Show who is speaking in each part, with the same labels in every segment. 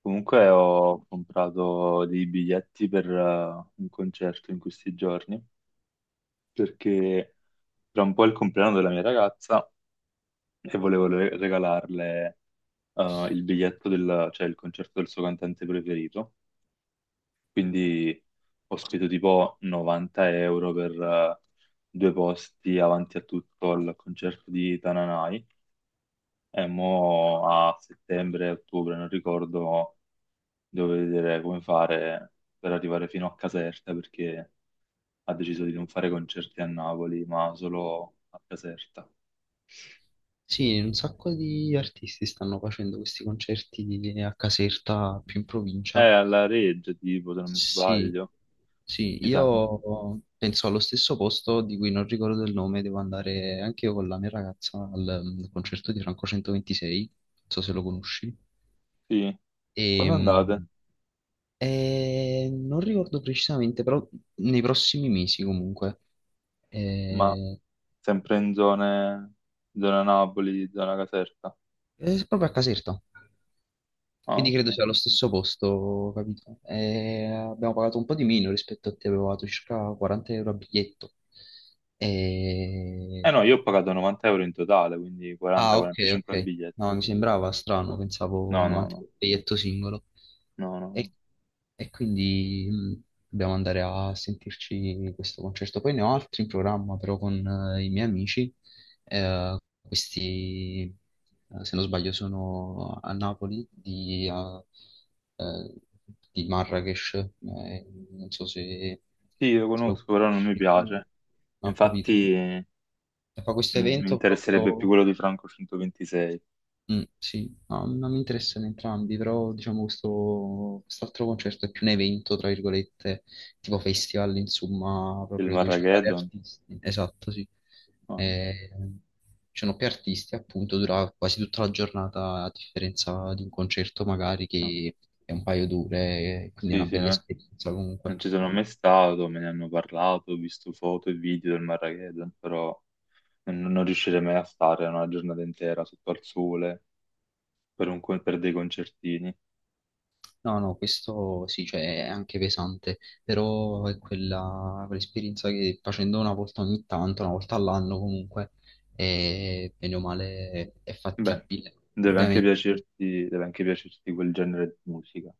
Speaker 1: Comunque ho comprato dei biglietti per un concerto in questi giorni perché tra un po' è il compleanno della mia ragazza e volevo regalarle il biglietto, cioè il concerto del suo cantante preferito. Quindi ho speso tipo 90 euro per due posti avanti a tutto al concerto di Tananai e mo a settembre, ottobre, non ricordo, devo vedere come fare per arrivare fino a Caserta perché ha deciso di non fare concerti a Napoli, ma solo a Caserta.
Speaker 2: Sì, un sacco di artisti stanno facendo questi concerti di- a Caserta, più in
Speaker 1: È
Speaker 2: provincia.
Speaker 1: alla Reggia, tipo, se non mi
Speaker 2: Sì,
Speaker 1: sbaglio.
Speaker 2: sì,
Speaker 1: Chissà.
Speaker 2: io penso allo stesso posto di cui non ricordo il nome, devo andare anche io con la mia ragazza al concerto di Franco 126, non so se lo conosci.
Speaker 1: Sì. Quando andate?
Speaker 2: Ehm, Non ricordo precisamente, però nei prossimi mesi comunque.
Speaker 1: Ma
Speaker 2: Eh,
Speaker 1: sempre in zone, zona Napoli, zona Caserta.
Speaker 2: è proprio a Caserta.
Speaker 1: Ah,
Speaker 2: Quindi
Speaker 1: ok.
Speaker 2: credo sia lo stesso posto, capito? E abbiamo pagato un po' di meno rispetto a te, abbiamo pagato circa 40 euro a biglietto.
Speaker 1: Eh
Speaker 2: E
Speaker 1: no, io ho pagato 90 euro in totale, quindi
Speaker 2: Ah, ok,
Speaker 1: 40-45 a
Speaker 2: ok.
Speaker 1: biglietto.
Speaker 2: No, mi
Speaker 1: Quindi...
Speaker 2: sembrava strano, pensavo
Speaker 1: No, no,
Speaker 2: 90
Speaker 1: no,
Speaker 2: per biglietto singolo.
Speaker 1: no, no, no.
Speaker 2: E, e quindi dobbiamo andare a sentirci questo concerto. Poi ne ho altri in programma, però con i miei amici. Questi, se non sbaglio, sono a Napoli eh, di Marrakesh. Non so se,
Speaker 1: Sì, lo
Speaker 2: se lo
Speaker 1: conosco, però non mi
Speaker 2: conosci. Non
Speaker 1: piace.
Speaker 2: ho capito.
Speaker 1: Infatti...
Speaker 2: E fa questo
Speaker 1: Mi
Speaker 2: evento
Speaker 1: interesserebbe più
Speaker 2: proprio...
Speaker 1: quello di Franco 126,
Speaker 2: Sì, no, non mi interessano entrambi, però diciamo questo quest'altro concerto è più un evento, tra virgolette, tipo festival, insomma,
Speaker 1: il
Speaker 2: proprio dove ci sono vari
Speaker 1: Marrageddon.
Speaker 2: artisti. Esatto, sì.
Speaker 1: No,
Speaker 2: Eh, Ci sono più artisti, appunto, dura quasi tutta la giornata, a differenza di un concerto magari
Speaker 1: no.
Speaker 2: che è un paio d'ore, quindi è
Speaker 1: Sì,
Speaker 2: una
Speaker 1: sì,
Speaker 2: bella
Speaker 1: no.
Speaker 2: esperienza comunque.
Speaker 1: Non ci sono mai stato, me ne hanno parlato, ho visto foto e video del Marrageddon, però non riuscirei mai a stare una giornata intera sotto al sole per, per dei concertini.
Speaker 2: No, no, questo sì, cioè è anche pesante, però è quella, quell'esperienza che facendo una volta ogni tanto, una volta all'anno comunque, è, bene o male è
Speaker 1: Beh,
Speaker 2: fattibile. Ovviamente
Speaker 1: deve anche piacerti quel genere di musica.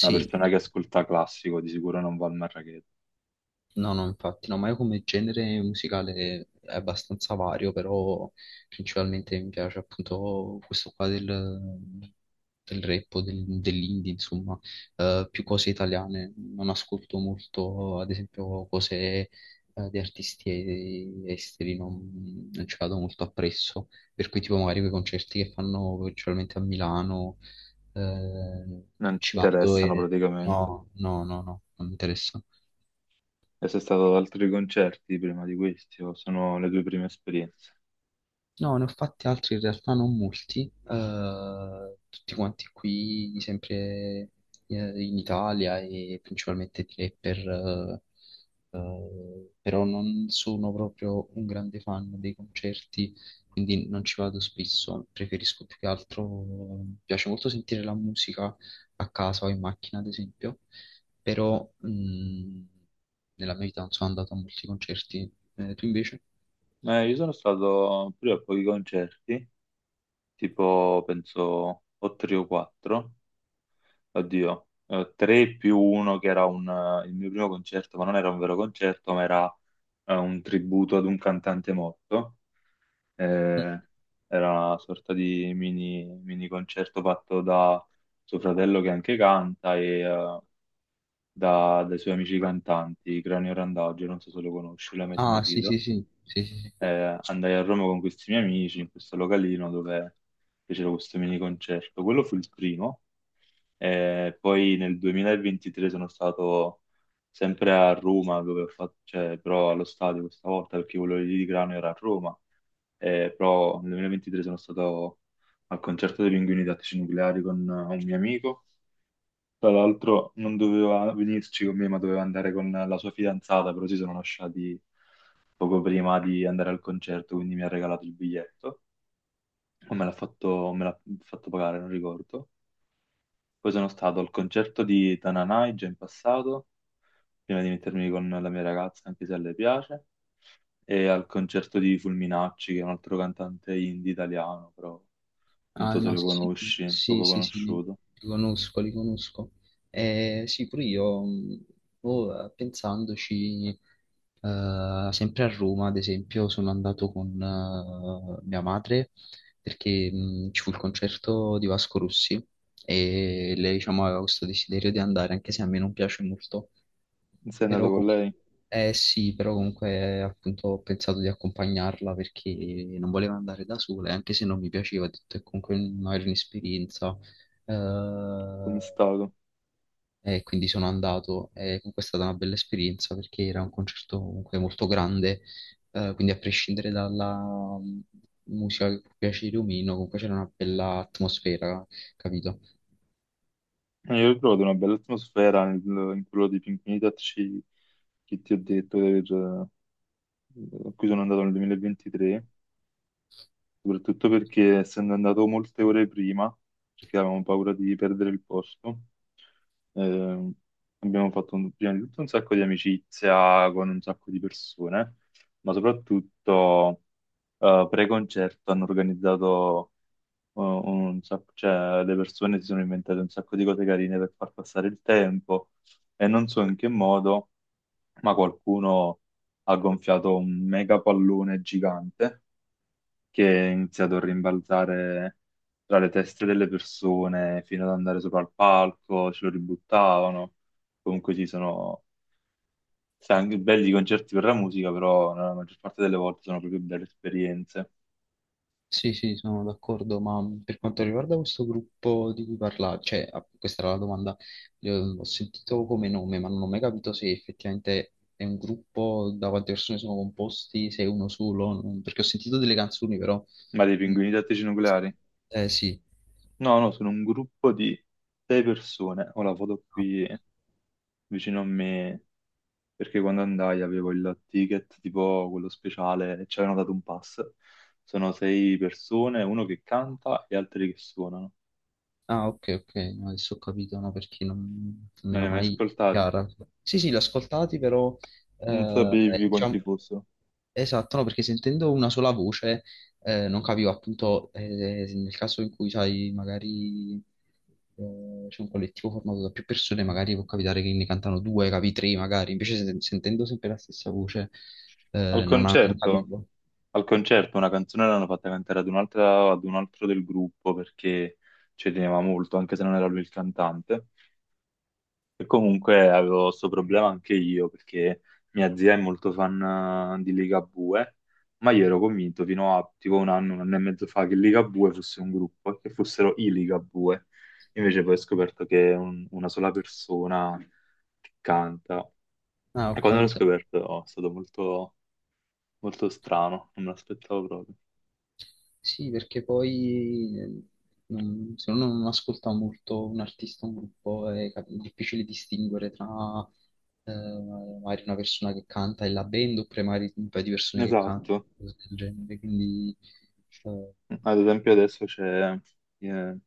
Speaker 1: Una persona che ascolta classico di sicuro non va al Marrageddon,
Speaker 2: No, no, infatti, no, ma io come genere musicale è abbastanza vario, però principalmente mi piace appunto questo qua del rap o del- dell'indie, insomma. Più cose italiane. Non ascolto molto, ad esempio, cose di artisti e- esteri, non ci vado molto appresso, per cui tipo magari quei concerti che fanno principalmente a Milano,
Speaker 1: non
Speaker 2: non
Speaker 1: ti
Speaker 2: ci vado
Speaker 1: interessano
Speaker 2: e
Speaker 1: praticamente.
Speaker 2: no, no, no, no, non mi interessa.
Speaker 1: E sei stato ad altri concerti prima di questi o sono le tue prime esperienze?
Speaker 2: No, ne ho fatti altri in realtà non molti, tutti quanti qui, sempre in Italia e principalmente di rapper, però non sono proprio un grande fan dei concerti, quindi non ci vado spesso, preferisco più che altro, mi piace molto sentire la musica a casa o in macchina ad esempio, però nella mia vita non sono andato a molti concerti. Tu invece?
Speaker 1: Io sono stato pure a pochi concerti, tipo penso o tre o quattro, oddio, tre più uno che era il mio primo concerto, ma non era un vero concerto, ma era un tributo ad un cantante morto.
Speaker 2: Mm.
Speaker 1: Eh, era una sorta di mini concerto fatto da suo fratello che anche canta e dai suoi amici cantanti, Cranio Randagio, non so se lo conosci, l'hai mai
Speaker 2: Ah, sì, sì,
Speaker 1: sentito.
Speaker 2: sì, sì, sì, sì.
Speaker 1: Andai a Roma con questi miei amici in questo localino dove fecero questo mini concerto. Quello fu il primo. Poi nel 2023 sono stato sempre a Roma, dove ho fatto, cioè, però allo stadio questa volta perché quello lì di Grano era a Roma. Però nel 2023 sono stato al concerto dei Pinguini Tattici Nucleari con un mio amico, tra l'altro non doveva venirci con me, ma doveva andare con la sua fidanzata, però si sono lasciati poco prima di andare al concerto, quindi mi ha regalato il biglietto. O me l'ha fatto, o me l'ha fatto pagare, non ricordo. Poi sono stato al concerto di Tananai già in passato, prima di mettermi con la mia ragazza, anche se a lei piace, e al concerto di Fulminacci, che è un altro cantante indie italiano, però non
Speaker 2: Ah,
Speaker 1: so se
Speaker 2: no,
Speaker 1: lo
Speaker 2: sì,
Speaker 1: conosci,
Speaker 2: sì,
Speaker 1: poco
Speaker 2: sì, sì, li,
Speaker 1: conosciuto.
Speaker 2: li conosco, li conosco. Sì, pure io, pensandoci, sempre a Roma, ad esempio, sono andato con mia madre perché ci fu il concerto di Vasco Rossi e lei, diciamo, aveva questo desiderio di andare, anche se a me non piace molto.
Speaker 1: Sei andato
Speaker 2: Però,
Speaker 1: con
Speaker 2: com-
Speaker 1: lei?
Speaker 2: sì, però comunque appunto ho pensato di accompagnarla perché non volevo andare da sola, e anche se non mi piaceva, ho detto è comunque un- magari un'esperienza. eh,
Speaker 1: Come è stato?
Speaker 2: e quindi sono andato e comunque è stata una bella esperienza perché era un concerto comunque molto grande, quindi a prescindere dalla mm, musica che può piacere o meno, comunque c'era una bella atmosfera, capito?
Speaker 1: Io ho trovato una bella atmosfera in quello di Pink Mitat che ti ho detto di aver- a cui sono andato nel 2023, soprattutto perché essendo andato molte ore prima, perché avevamo paura di perdere il posto, eh, abbiamo fatto prima di tutto un sacco di amicizia con un sacco di persone, ma soprattutto pre-concerto hanno organizzato cioè, le persone si sono inventate un sacco di cose carine per far passare il tempo e non so in che modo, ma qualcuno ha gonfiato un mega pallone gigante che è iniziato a rimbalzare tra le teste delle persone fino ad andare sopra al palco, ce lo ributtavano. Comunque sì, sono sai, anche belli i concerti per la musica, però nella maggior parte delle volte sono proprio belle esperienze.
Speaker 2: Sì, sì, sono d'accordo, ma per quanto riguarda questo gruppo di cui parla, cioè, ah, questa era la domanda, ho sentito come nome, ma non ho mai capito se effettivamente è un gruppo, da quante persone sono composti, se è uno solo, non- perché ho sentito delle canzoni, però...
Speaker 1: Ma dei
Speaker 2: mm.
Speaker 1: pinguini tattici nucleari?
Speaker 2: Eh sì.
Speaker 1: No, no, sono un gruppo di sei persone. Ora vado qui vicino a me perché quando andai avevo il ticket tipo quello speciale e ci avevano dato un pass. Sono sei persone, uno che canta e altri che suonano.
Speaker 2: Ah, ok, ok, no, adesso ho capito, no, perché non mi
Speaker 1: Non li
Speaker 2: era
Speaker 1: hai mai
Speaker 2: mai
Speaker 1: ascoltati?
Speaker 2: chiara. Sì, sì, l'ho ascoltati, però,
Speaker 1: Non sapevi quanti
Speaker 2: diciamo,
Speaker 1: fossero.
Speaker 2: esatto, no, perché sentendo una sola voce, non capivo appunto, nel caso in cui, sai, magari c'è un collettivo formato da più persone, magari può capitare che ne cantano due, capi tre, magari, invece sen- sentendo sempre la stessa voce,
Speaker 1: Al
Speaker 2: non, ha- non
Speaker 1: concerto,
Speaker 2: capivo.
Speaker 1: al concerto una canzone l'hanno fatta cantare ad ad un altro del gruppo perché ci teneva molto, anche se non era lui il cantante. E comunque avevo questo problema anche io perché mia zia è molto fan di Ligabue, ma io ero convinto fino a tipo un anno e mezzo fa che Ligabue fosse un gruppo e che fossero i Ligabue. Invece poi ho scoperto che è una sola persona che canta.
Speaker 2: Ah,
Speaker 1: E
Speaker 2: ho
Speaker 1: quando l'ho
Speaker 2: capito.
Speaker 1: scoperto oh, è stato molto, molto strano, non me l'aspettavo proprio.
Speaker 2: Sì, perché poi non- se uno non ascolta molto un artista, un gruppo, è cap- difficile distinguere tra eh, magari una persona che canta e la band oppure magari un paio di persone che cantano,
Speaker 1: Esatto.
Speaker 2: cose del genere. Quindi eh,
Speaker 1: Ad esempio adesso c'è eh,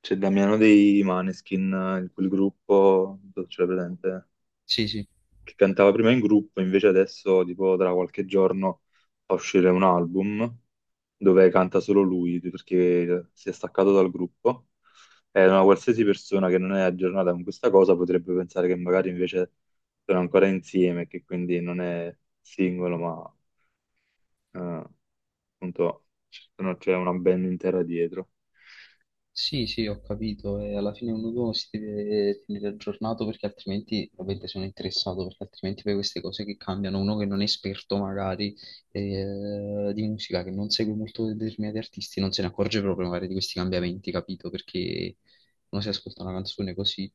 Speaker 1: c'è Damiano dei Maneskin, in quel gruppo, non so se ce l'hai presente,
Speaker 2: sì, sì.
Speaker 1: che cantava prima in gruppo, invece adesso, tipo, tra qualche giorno fa uscire un album dove canta solo lui, perché si è staccato dal gruppo. E una qualsiasi persona che non è aggiornata con questa cosa potrebbe pensare che magari invece sono ancora insieme, che quindi non è singolo, ma eh, appunto c'è una band intera dietro.
Speaker 2: Sì, sì, ho capito. E alla fine ognuno si deve tenere aggiornato perché altrimenti, ovviamente sono interessato, perché altrimenti poi queste cose che cambiano, uno che non è esperto magari di musica, che non segue molto determinati artisti, non se ne accorge proprio magari di questi cambiamenti, capito? Perché uno si ascolta una canzone così,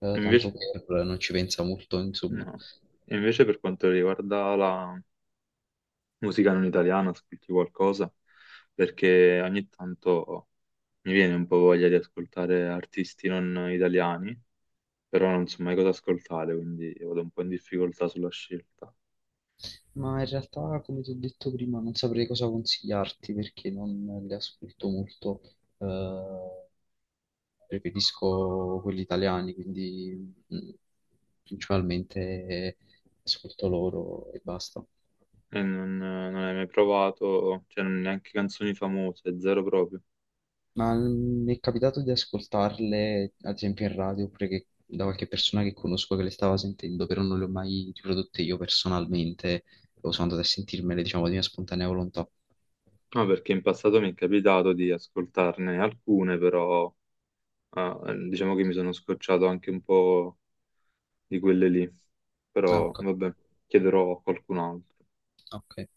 Speaker 2: tanto
Speaker 1: Invece,
Speaker 2: per, non ci pensa molto, insomma.
Speaker 1: no. Invece per quanto riguarda la musica non italiana, ascolti qualcosa? Perché ogni tanto mi viene un po' voglia di ascoltare artisti non italiani, però non so mai cosa ascoltare, quindi vado un po' in difficoltà sulla scelta.
Speaker 2: Ma in realtà, come ti ho detto prima, non saprei cosa consigliarti perché non le ascolto molto. Eh, preferisco quelli italiani, quindi principalmente ascolto loro e basta.
Speaker 1: E non hai mai provato, neanche canzoni famose, zero proprio.
Speaker 2: Ma mi è capitato di ascoltarle, ad esempio, in radio, oppure che- da qualche persona che conosco che le stava sentendo, però non le ho mai riprodotte io personalmente, o sono andato a sentirmele, diciamo, di mia spontanea volontà.
Speaker 1: No, perché in passato mi è capitato di ascoltarne alcune, però diciamo che mi sono scocciato anche un po' di quelle lì.
Speaker 2: Ah,
Speaker 1: Però
Speaker 2: ok.
Speaker 1: vabbè, chiederò a qualcun altro.
Speaker 2: Ok.